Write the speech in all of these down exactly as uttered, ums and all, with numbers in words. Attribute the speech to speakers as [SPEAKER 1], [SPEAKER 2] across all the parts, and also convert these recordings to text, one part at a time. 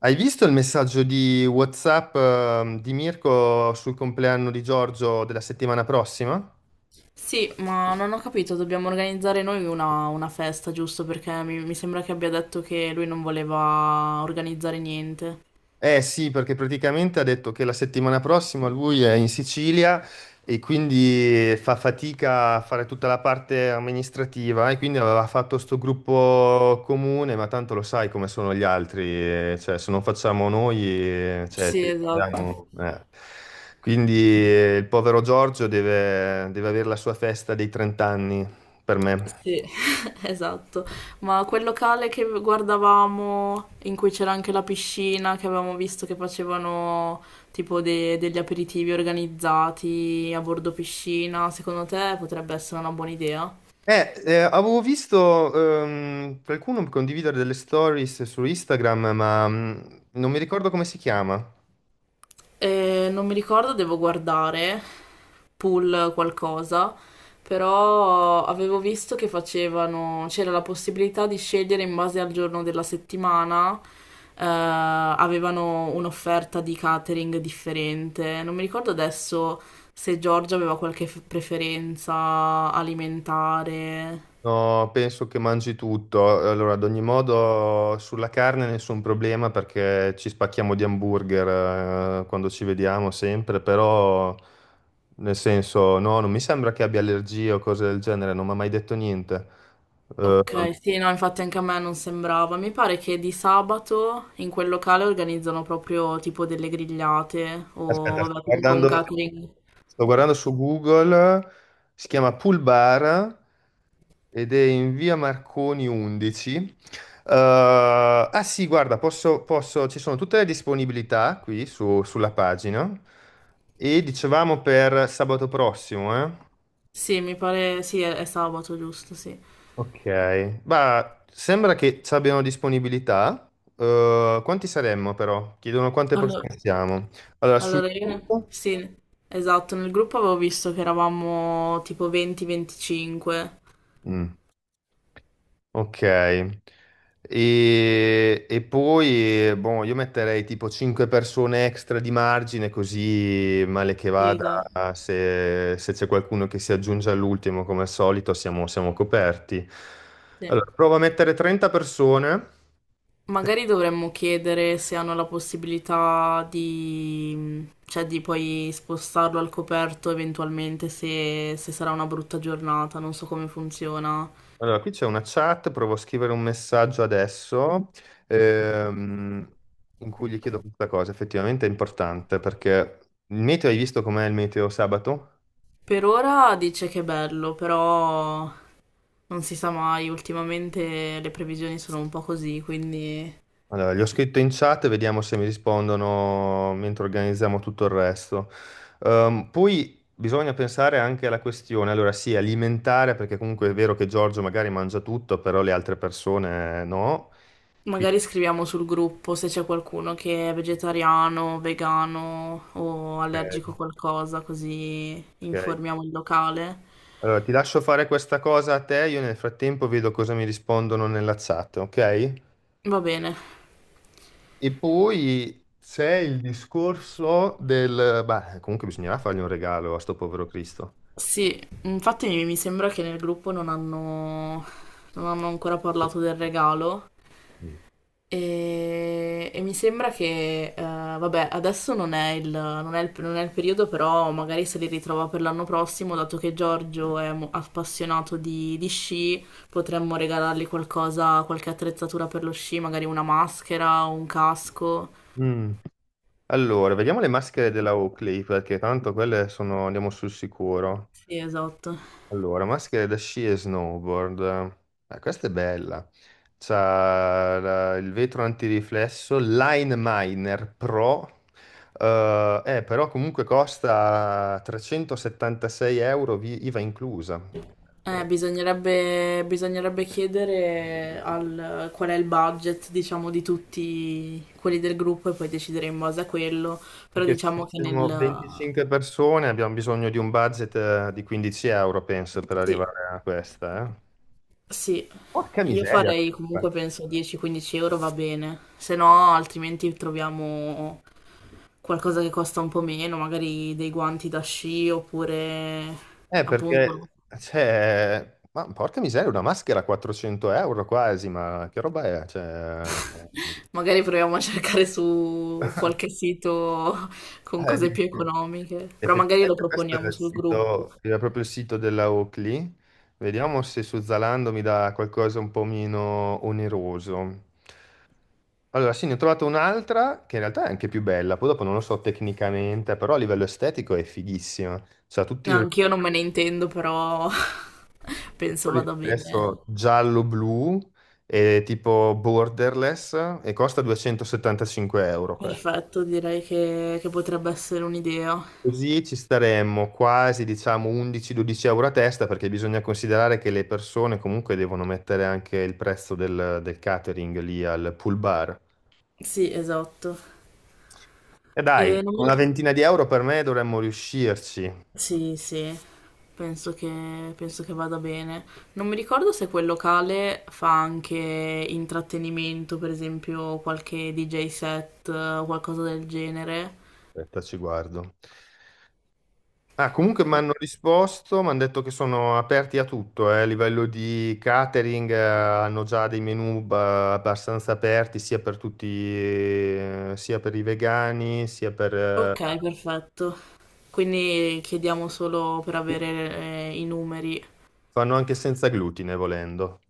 [SPEAKER 1] Hai visto il messaggio di WhatsApp, ehm, di Mirko sul compleanno di Giorgio della settimana prossima?
[SPEAKER 2] Sì, ma non ho capito, dobbiamo organizzare noi una, una festa, giusto? Perché mi, mi sembra che abbia detto che lui non voleva organizzare niente.
[SPEAKER 1] Eh sì, perché praticamente ha detto che la settimana prossima lui è in Sicilia e quindi fa fatica a fare tutta la parte amministrativa e quindi aveva fatto sto gruppo comune, ma tanto lo sai come sono gli altri, eh, cioè se non facciamo noi, eh, cioè,
[SPEAKER 2] Sì,
[SPEAKER 1] ci
[SPEAKER 2] esatto.
[SPEAKER 1] abbiamo- eh. Quindi eh, il povero Giorgio deve, deve avere la sua festa dei trenta anni per me.
[SPEAKER 2] Sì, esatto. Ma quel locale che guardavamo, in cui c'era anche la piscina, che avevamo visto che facevano tipo de- degli aperitivi organizzati a bordo piscina, secondo te potrebbe essere una buona idea?
[SPEAKER 1] Eh, eh, avevo visto ehm, qualcuno condividere delle stories su Instagram, ma mh, non mi ricordo come si chiama.
[SPEAKER 2] Eh, non mi ricordo, devo guardare. Pool qualcosa, però avevo visto che facevano, c'era la possibilità di scegliere in base al giorno della settimana, eh, avevano un'offerta di catering differente. Non mi ricordo adesso se Giorgia aveva qualche f- preferenza alimentare.
[SPEAKER 1] No, penso che mangi tutto. Allora, ad ogni modo, sulla carne nessun problema perché ci spacchiamo di hamburger eh, quando ci vediamo sempre, però nel senso, no, non mi sembra che abbia allergie o cose del genere, non mi ha mai detto niente. Eh,
[SPEAKER 2] Ok, sì, no, infatti anche a me non sembrava. Mi pare che di sabato in quel locale organizzano proprio tipo delle grigliate
[SPEAKER 1] aspetta,
[SPEAKER 2] o
[SPEAKER 1] sto
[SPEAKER 2] vabbè, comunque un
[SPEAKER 1] guardando,
[SPEAKER 2] catering.
[SPEAKER 1] sto guardando su Google. Si chiama Pool Bar. Ed è in via Marconi undici. Eh, ah sì, guarda, posso, posso- ci sono tutte le disponibilità qui su- sulla pagina. E dicevamo per sabato prossimo, eh?
[SPEAKER 2] Sì, mi pare, sì, è, è sabato, giusto, sì.
[SPEAKER 1] Ok. Ma sembra che ci abbiano disponibilità. Eh, quanti saremmo però? Chiedono quante
[SPEAKER 2] Allora,
[SPEAKER 1] persone siamo. Allora, sui.
[SPEAKER 2] allora io ne- sì, esatto, nel gruppo avevo visto che eravamo tipo venti a venticinque.
[SPEAKER 1] Mm. Ok, e, e poi boh, io metterei tipo cinque persone extra di margine, così male che
[SPEAKER 2] Sì,
[SPEAKER 1] vada,
[SPEAKER 2] esatto.
[SPEAKER 1] se, se c'è qualcuno che si aggiunge all'ultimo, come al solito, siamo, siamo coperti.
[SPEAKER 2] Sì.
[SPEAKER 1] Allora, provo a mettere trenta persone.
[SPEAKER 2] Magari dovremmo chiedere se hanno la possibilità di, cioè, di poi spostarlo al coperto eventualmente se, se sarà una brutta giornata, non so come funziona.
[SPEAKER 1] Allora, qui c'è una chat, provo a scrivere un messaggio adesso, ehm, in cui gli chiedo questa cosa, effettivamente è importante, perché il meteo, hai visto com'è il meteo sabato?
[SPEAKER 2] Per ora dice che è bello, però non si sa mai, ultimamente le previsioni sono un po' così, quindi...
[SPEAKER 1] Allora, gli ho scritto in chat, e vediamo se mi rispondono mentre organizziamo tutto il resto. Ehm, poi bisogna pensare anche alla questione, allora sì, alimentare, perché comunque è vero che Giorgio magari mangia tutto, però le altre persone no. Quindi,
[SPEAKER 2] Magari scriviamo sul gruppo se c'è qualcuno che è vegetariano, vegano o allergico a
[SPEAKER 1] eh,
[SPEAKER 2] qualcosa, così
[SPEAKER 1] ok.
[SPEAKER 2] informiamo il locale.
[SPEAKER 1] Allora, ti lascio fare questa cosa a te, io nel frattempo vedo cosa mi rispondono nella chat, ok?
[SPEAKER 2] Va bene.
[SPEAKER 1] E poi c'è il discorso del. Beh, comunque bisognerà fargli un regalo a sto povero Cristo.
[SPEAKER 2] Sì, infatti mi mi sembra che nel gruppo non hanno, non hanno ancora parlato del regalo.
[SPEAKER 1] Mm.
[SPEAKER 2] E, e mi sembra che, eh, vabbè, adesso non è il, non è il- non è il periodo, però magari se li ritrova per l'anno prossimo, dato che Giorgio è mo- appassionato di, di sci, potremmo regalargli qualcosa, qualche attrezzatura per lo sci, magari una maschera o un casco.
[SPEAKER 1] Mm. Allora, vediamo le maschere della Oakley, perché tanto quelle sono, andiamo sul sicuro.
[SPEAKER 2] Sì, esatto.
[SPEAKER 1] Allora, maschere da sci e snowboard. Eh, questa è bella. C'ha la- il vetro antiriflesso, Line Miner Pro. Eh, eh, però comunque costa trecentosettantasei euro, vi- IVA inclusa.
[SPEAKER 2] Eh,
[SPEAKER 1] Eh,
[SPEAKER 2] bisognerebbe, bisognerebbe chiedere al, qual è il budget, diciamo, di tutti quelli del gruppo e poi decidere in base a quello, però
[SPEAKER 1] Perché se
[SPEAKER 2] diciamo che
[SPEAKER 1] siamo
[SPEAKER 2] nel...
[SPEAKER 1] venticinque persone abbiamo bisogno di un budget eh, di quindici euro, penso, per
[SPEAKER 2] Sì,
[SPEAKER 1] arrivare a questa, eh.
[SPEAKER 2] sì,
[SPEAKER 1] Porca
[SPEAKER 2] io
[SPEAKER 1] miseria.
[SPEAKER 2] farei comunque penso dieci-quindici euro va bene, se no altrimenti troviamo qualcosa che costa un po' meno, magari dei guanti da sci oppure
[SPEAKER 1] Eh,
[SPEAKER 2] appunto no.
[SPEAKER 1] perché, cioè, ma porca miseria, una maschera a quattrocento euro quasi, ma che roba è? Cioè.
[SPEAKER 2] Magari proviamo a cercare su qualche sito con
[SPEAKER 1] Eh,
[SPEAKER 2] cose più
[SPEAKER 1] dici.
[SPEAKER 2] economiche, però magari lo
[SPEAKER 1] Effettivamente questo era
[SPEAKER 2] proponiamo
[SPEAKER 1] il
[SPEAKER 2] sul gruppo.
[SPEAKER 1] sito, era proprio il sito della Oakley. Vediamo se su Zalando mi dà qualcosa un po' meno oneroso. Allora, sì, ne ho trovato un'altra che in realtà è anche più bella, poi dopo non lo so tecnicamente, però a livello estetico è fighissima. C'ha tutti.
[SPEAKER 2] Anch'io non me ne intendo, però penso vada bene.
[SPEAKER 1] Adesso giallo-blu è tipo borderless e costa duecentosettantacinque euro questo.
[SPEAKER 2] Perfetto, direi che, che potrebbe essere un'idea.
[SPEAKER 1] Così ci staremmo quasi, diciamo, undici-dodici euro a testa perché bisogna considerare che le persone comunque devono mettere anche il prezzo del, del catering lì al pool bar.
[SPEAKER 2] Sì, esatto.
[SPEAKER 1] E
[SPEAKER 2] E
[SPEAKER 1] dai,
[SPEAKER 2] non mi
[SPEAKER 1] una ventina di euro per me dovremmo riuscirci. Aspetta,
[SPEAKER 2] Sì, sì, penso che, penso che vada bene. Non mi ricordo se quel locale fa anche intrattenimento, per esempio qualche D J set o qualcosa del genere.
[SPEAKER 1] ci guardo. Ah, comunque mi
[SPEAKER 2] Ma-
[SPEAKER 1] hanno risposto, mi hanno detto che sono aperti a tutto, eh, a livello di catering, eh, hanno già dei menu ba- abbastanza aperti sia per tutti, eh, sia per i vegani, sia per... eh,
[SPEAKER 2] Ok, perfetto. Quindi chiediamo solo per avere, eh, i numeri.
[SPEAKER 1] fanno anche senza glutine volendo.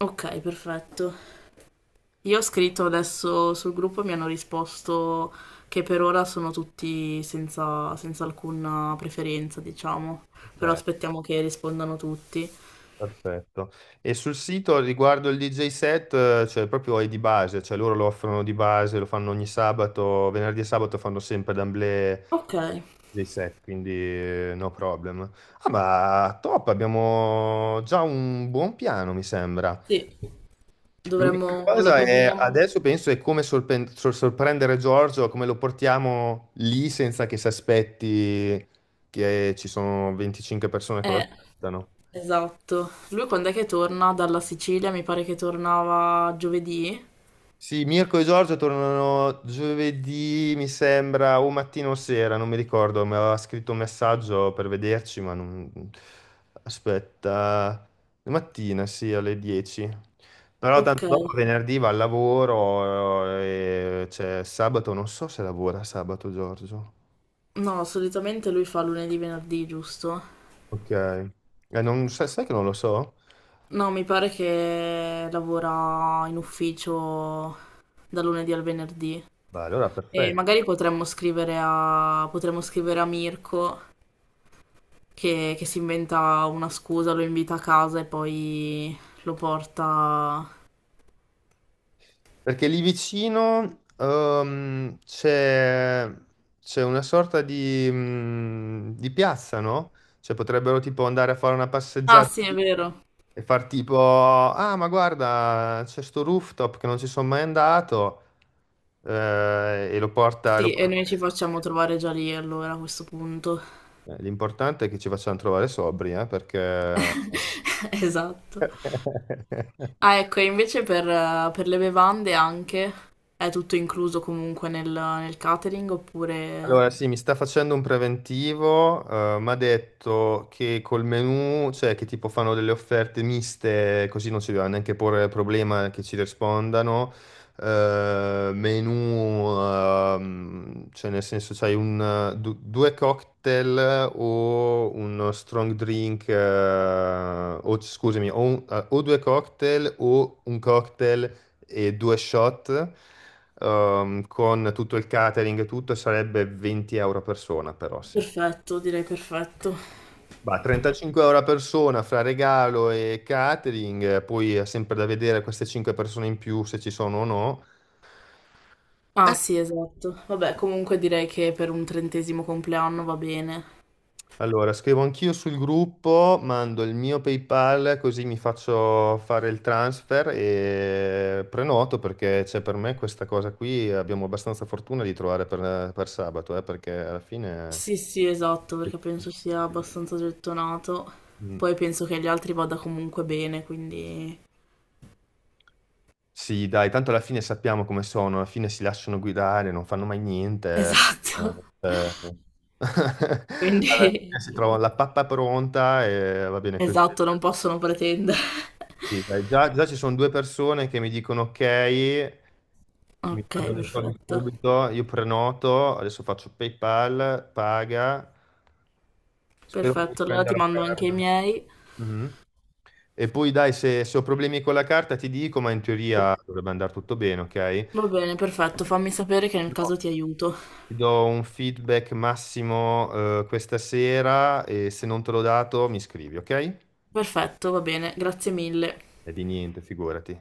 [SPEAKER 2] Ok, perfetto. Io ho scritto adesso sul gruppo e mi hanno risposto che per ora sono tutti senza, senza alcuna preferenza, diciamo. Però
[SPEAKER 1] Ok.
[SPEAKER 2] aspettiamo che rispondano tutti.
[SPEAKER 1] Perfetto. E sul sito riguardo il D J set, eh, cioè proprio è di base, cioè loro lo offrono di base, lo fanno ogni sabato, venerdì e sabato fanno sempre d'amblè
[SPEAKER 2] Ok,
[SPEAKER 1] D J set, quindi eh, no problem. Ah, ma top, abbiamo già un buon piano, mi sembra.
[SPEAKER 2] sì,
[SPEAKER 1] L'unica
[SPEAKER 2] dovremmo, lo
[SPEAKER 1] cosa è,
[SPEAKER 2] proponiamo.
[SPEAKER 1] adesso penso, è come sorpen- sor- sorprendere Giorgio, come lo portiamo lì senza che si aspetti che ci sono venticinque persone che lo
[SPEAKER 2] Eh,
[SPEAKER 1] aspettano.
[SPEAKER 2] esatto. Lui quando è che torna dalla Sicilia? Mi pare che tornava giovedì.
[SPEAKER 1] Sì, Mirko e Giorgio tornano giovedì, mi sembra, o mattina o sera, non mi ricordo, mi aveva scritto un messaggio per vederci, ma non. Aspetta, mattina, sì, alle dieci. Però tanto
[SPEAKER 2] Ok.
[SPEAKER 1] dopo venerdì va al lavoro, eh, e c'è sabato, non so se lavora sabato Giorgio.
[SPEAKER 2] No, solitamente lui fa lunedì, venerdì, giusto?
[SPEAKER 1] Ok. Eh, non- sai sai che non lo so?
[SPEAKER 2] No, mi pare che lavora in ufficio da lunedì al venerdì.
[SPEAKER 1] Beh, allora
[SPEAKER 2] E
[SPEAKER 1] perfetto.
[SPEAKER 2] magari potremmo scrivere a, potremmo scrivere a Mirko che, che si inventa una scusa, lo invita a casa e poi lo porta...
[SPEAKER 1] Perché lì vicino ehm, c'è c'è una sorta di, mm, di piazza, no? Cioè potrebbero tipo andare a fare una
[SPEAKER 2] Ah
[SPEAKER 1] passeggiata
[SPEAKER 2] sì, è vero.
[SPEAKER 1] e far tipo, ah ma guarda, c'è sto rooftop che non ci sono mai andato eh, e lo porta... lo
[SPEAKER 2] Sì, e
[SPEAKER 1] porta-
[SPEAKER 2] noi ci facciamo trovare già lì allora a questo punto.
[SPEAKER 1] Eh, L'importante è che ci facciano trovare sobri, eh, perché.
[SPEAKER 2] Esatto. Ah, ecco, e invece per, eh, per le bevande anche è tutto incluso comunque nel, nel catering oppure...
[SPEAKER 1] Allora, sì, mi sta facendo un preventivo, mi ha detto che col menù, cioè che tipo fanno delle offerte miste, così non si deve neanche porre il problema che ci rispondano. Eh, menù, ehm, cioè nel senso c'hai un, du- due cocktail o uno strong drink, eh, o scusami, o, un- eh, o due cocktail o un cocktail e due shot ehm, con tutto il catering e tutto sarebbe venti euro a persona però sì.
[SPEAKER 2] Perfetto, direi perfetto.
[SPEAKER 1] Bah, trentacinque euro a persona fra regalo e catering, eh, poi è sempre da vedere queste cinque persone in più se ci sono o no.
[SPEAKER 2] Ah, sì, esatto. Vabbè, comunque direi che per un trentesimo compleanno va bene.
[SPEAKER 1] Allora, scrivo anch'io sul gruppo, mando il mio PayPal così mi faccio fare il transfer e prenoto perché c'è per me questa cosa qui, abbiamo abbastanza fortuna di trovare per, per sabato, eh, perché alla fine.
[SPEAKER 2] Sì, sì, esatto, perché penso sia abbastanza gettonato.
[SPEAKER 1] Mm.
[SPEAKER 2] Poi penso che agli altri vada comunque bene, quindi...
[SPEAKER 1] Sì, dai, tanto alla fine sappiamo come sono, alla fine si lasciano guidare, non fanno mai niente. eh,
[SPEAKER 2] Esatto.
[SPEAKER 1] eh. Alla
[SPEAKER 2] Quindi...
[SPEAKER 1] fine si trovano la pappa pronta e va bene così.
[SPEAKER 2] Esatto, non possono pretendere.
[SPEAKER 1] Sì, dai, già, già ci sono due persone che mi dicono ok, mi
[SPEAKER 2] Ok,
[SPEAKER 1] mandano i soldi
[SPEAKER 2] perfetto.
[SPEAKER 1] subito, io prenoto, adesso faccio PayPal, paga, spero che mi
[SPEAKER 2] Perfetto, allora
[SPEAKER 1] prenda
[SPEAKER 2] ti
[SPEAKER 1] la
[SPEAKER 2] mando anche i
[SPEAKER 1] carta.
[SPEAKER 2] miei.
[SPEAKER 1] Mhm. E poi dai, se, se ho problemi con la carta ti dico, ma in teoria dovrebbe andare tutto bene, ok?
[SPEAKER 2] Va bene, perfetto, fammi sapere che nel caso ti aiuto.
[SPEAKER 1] Ti do un feedback massimo, eh, questa sera e se non te l'ho dato mi scrivi, ok?
[SPEAKER 2] Perfetto, va bene, grazie mille.
[SPEAKER 1] E di niente, figurati.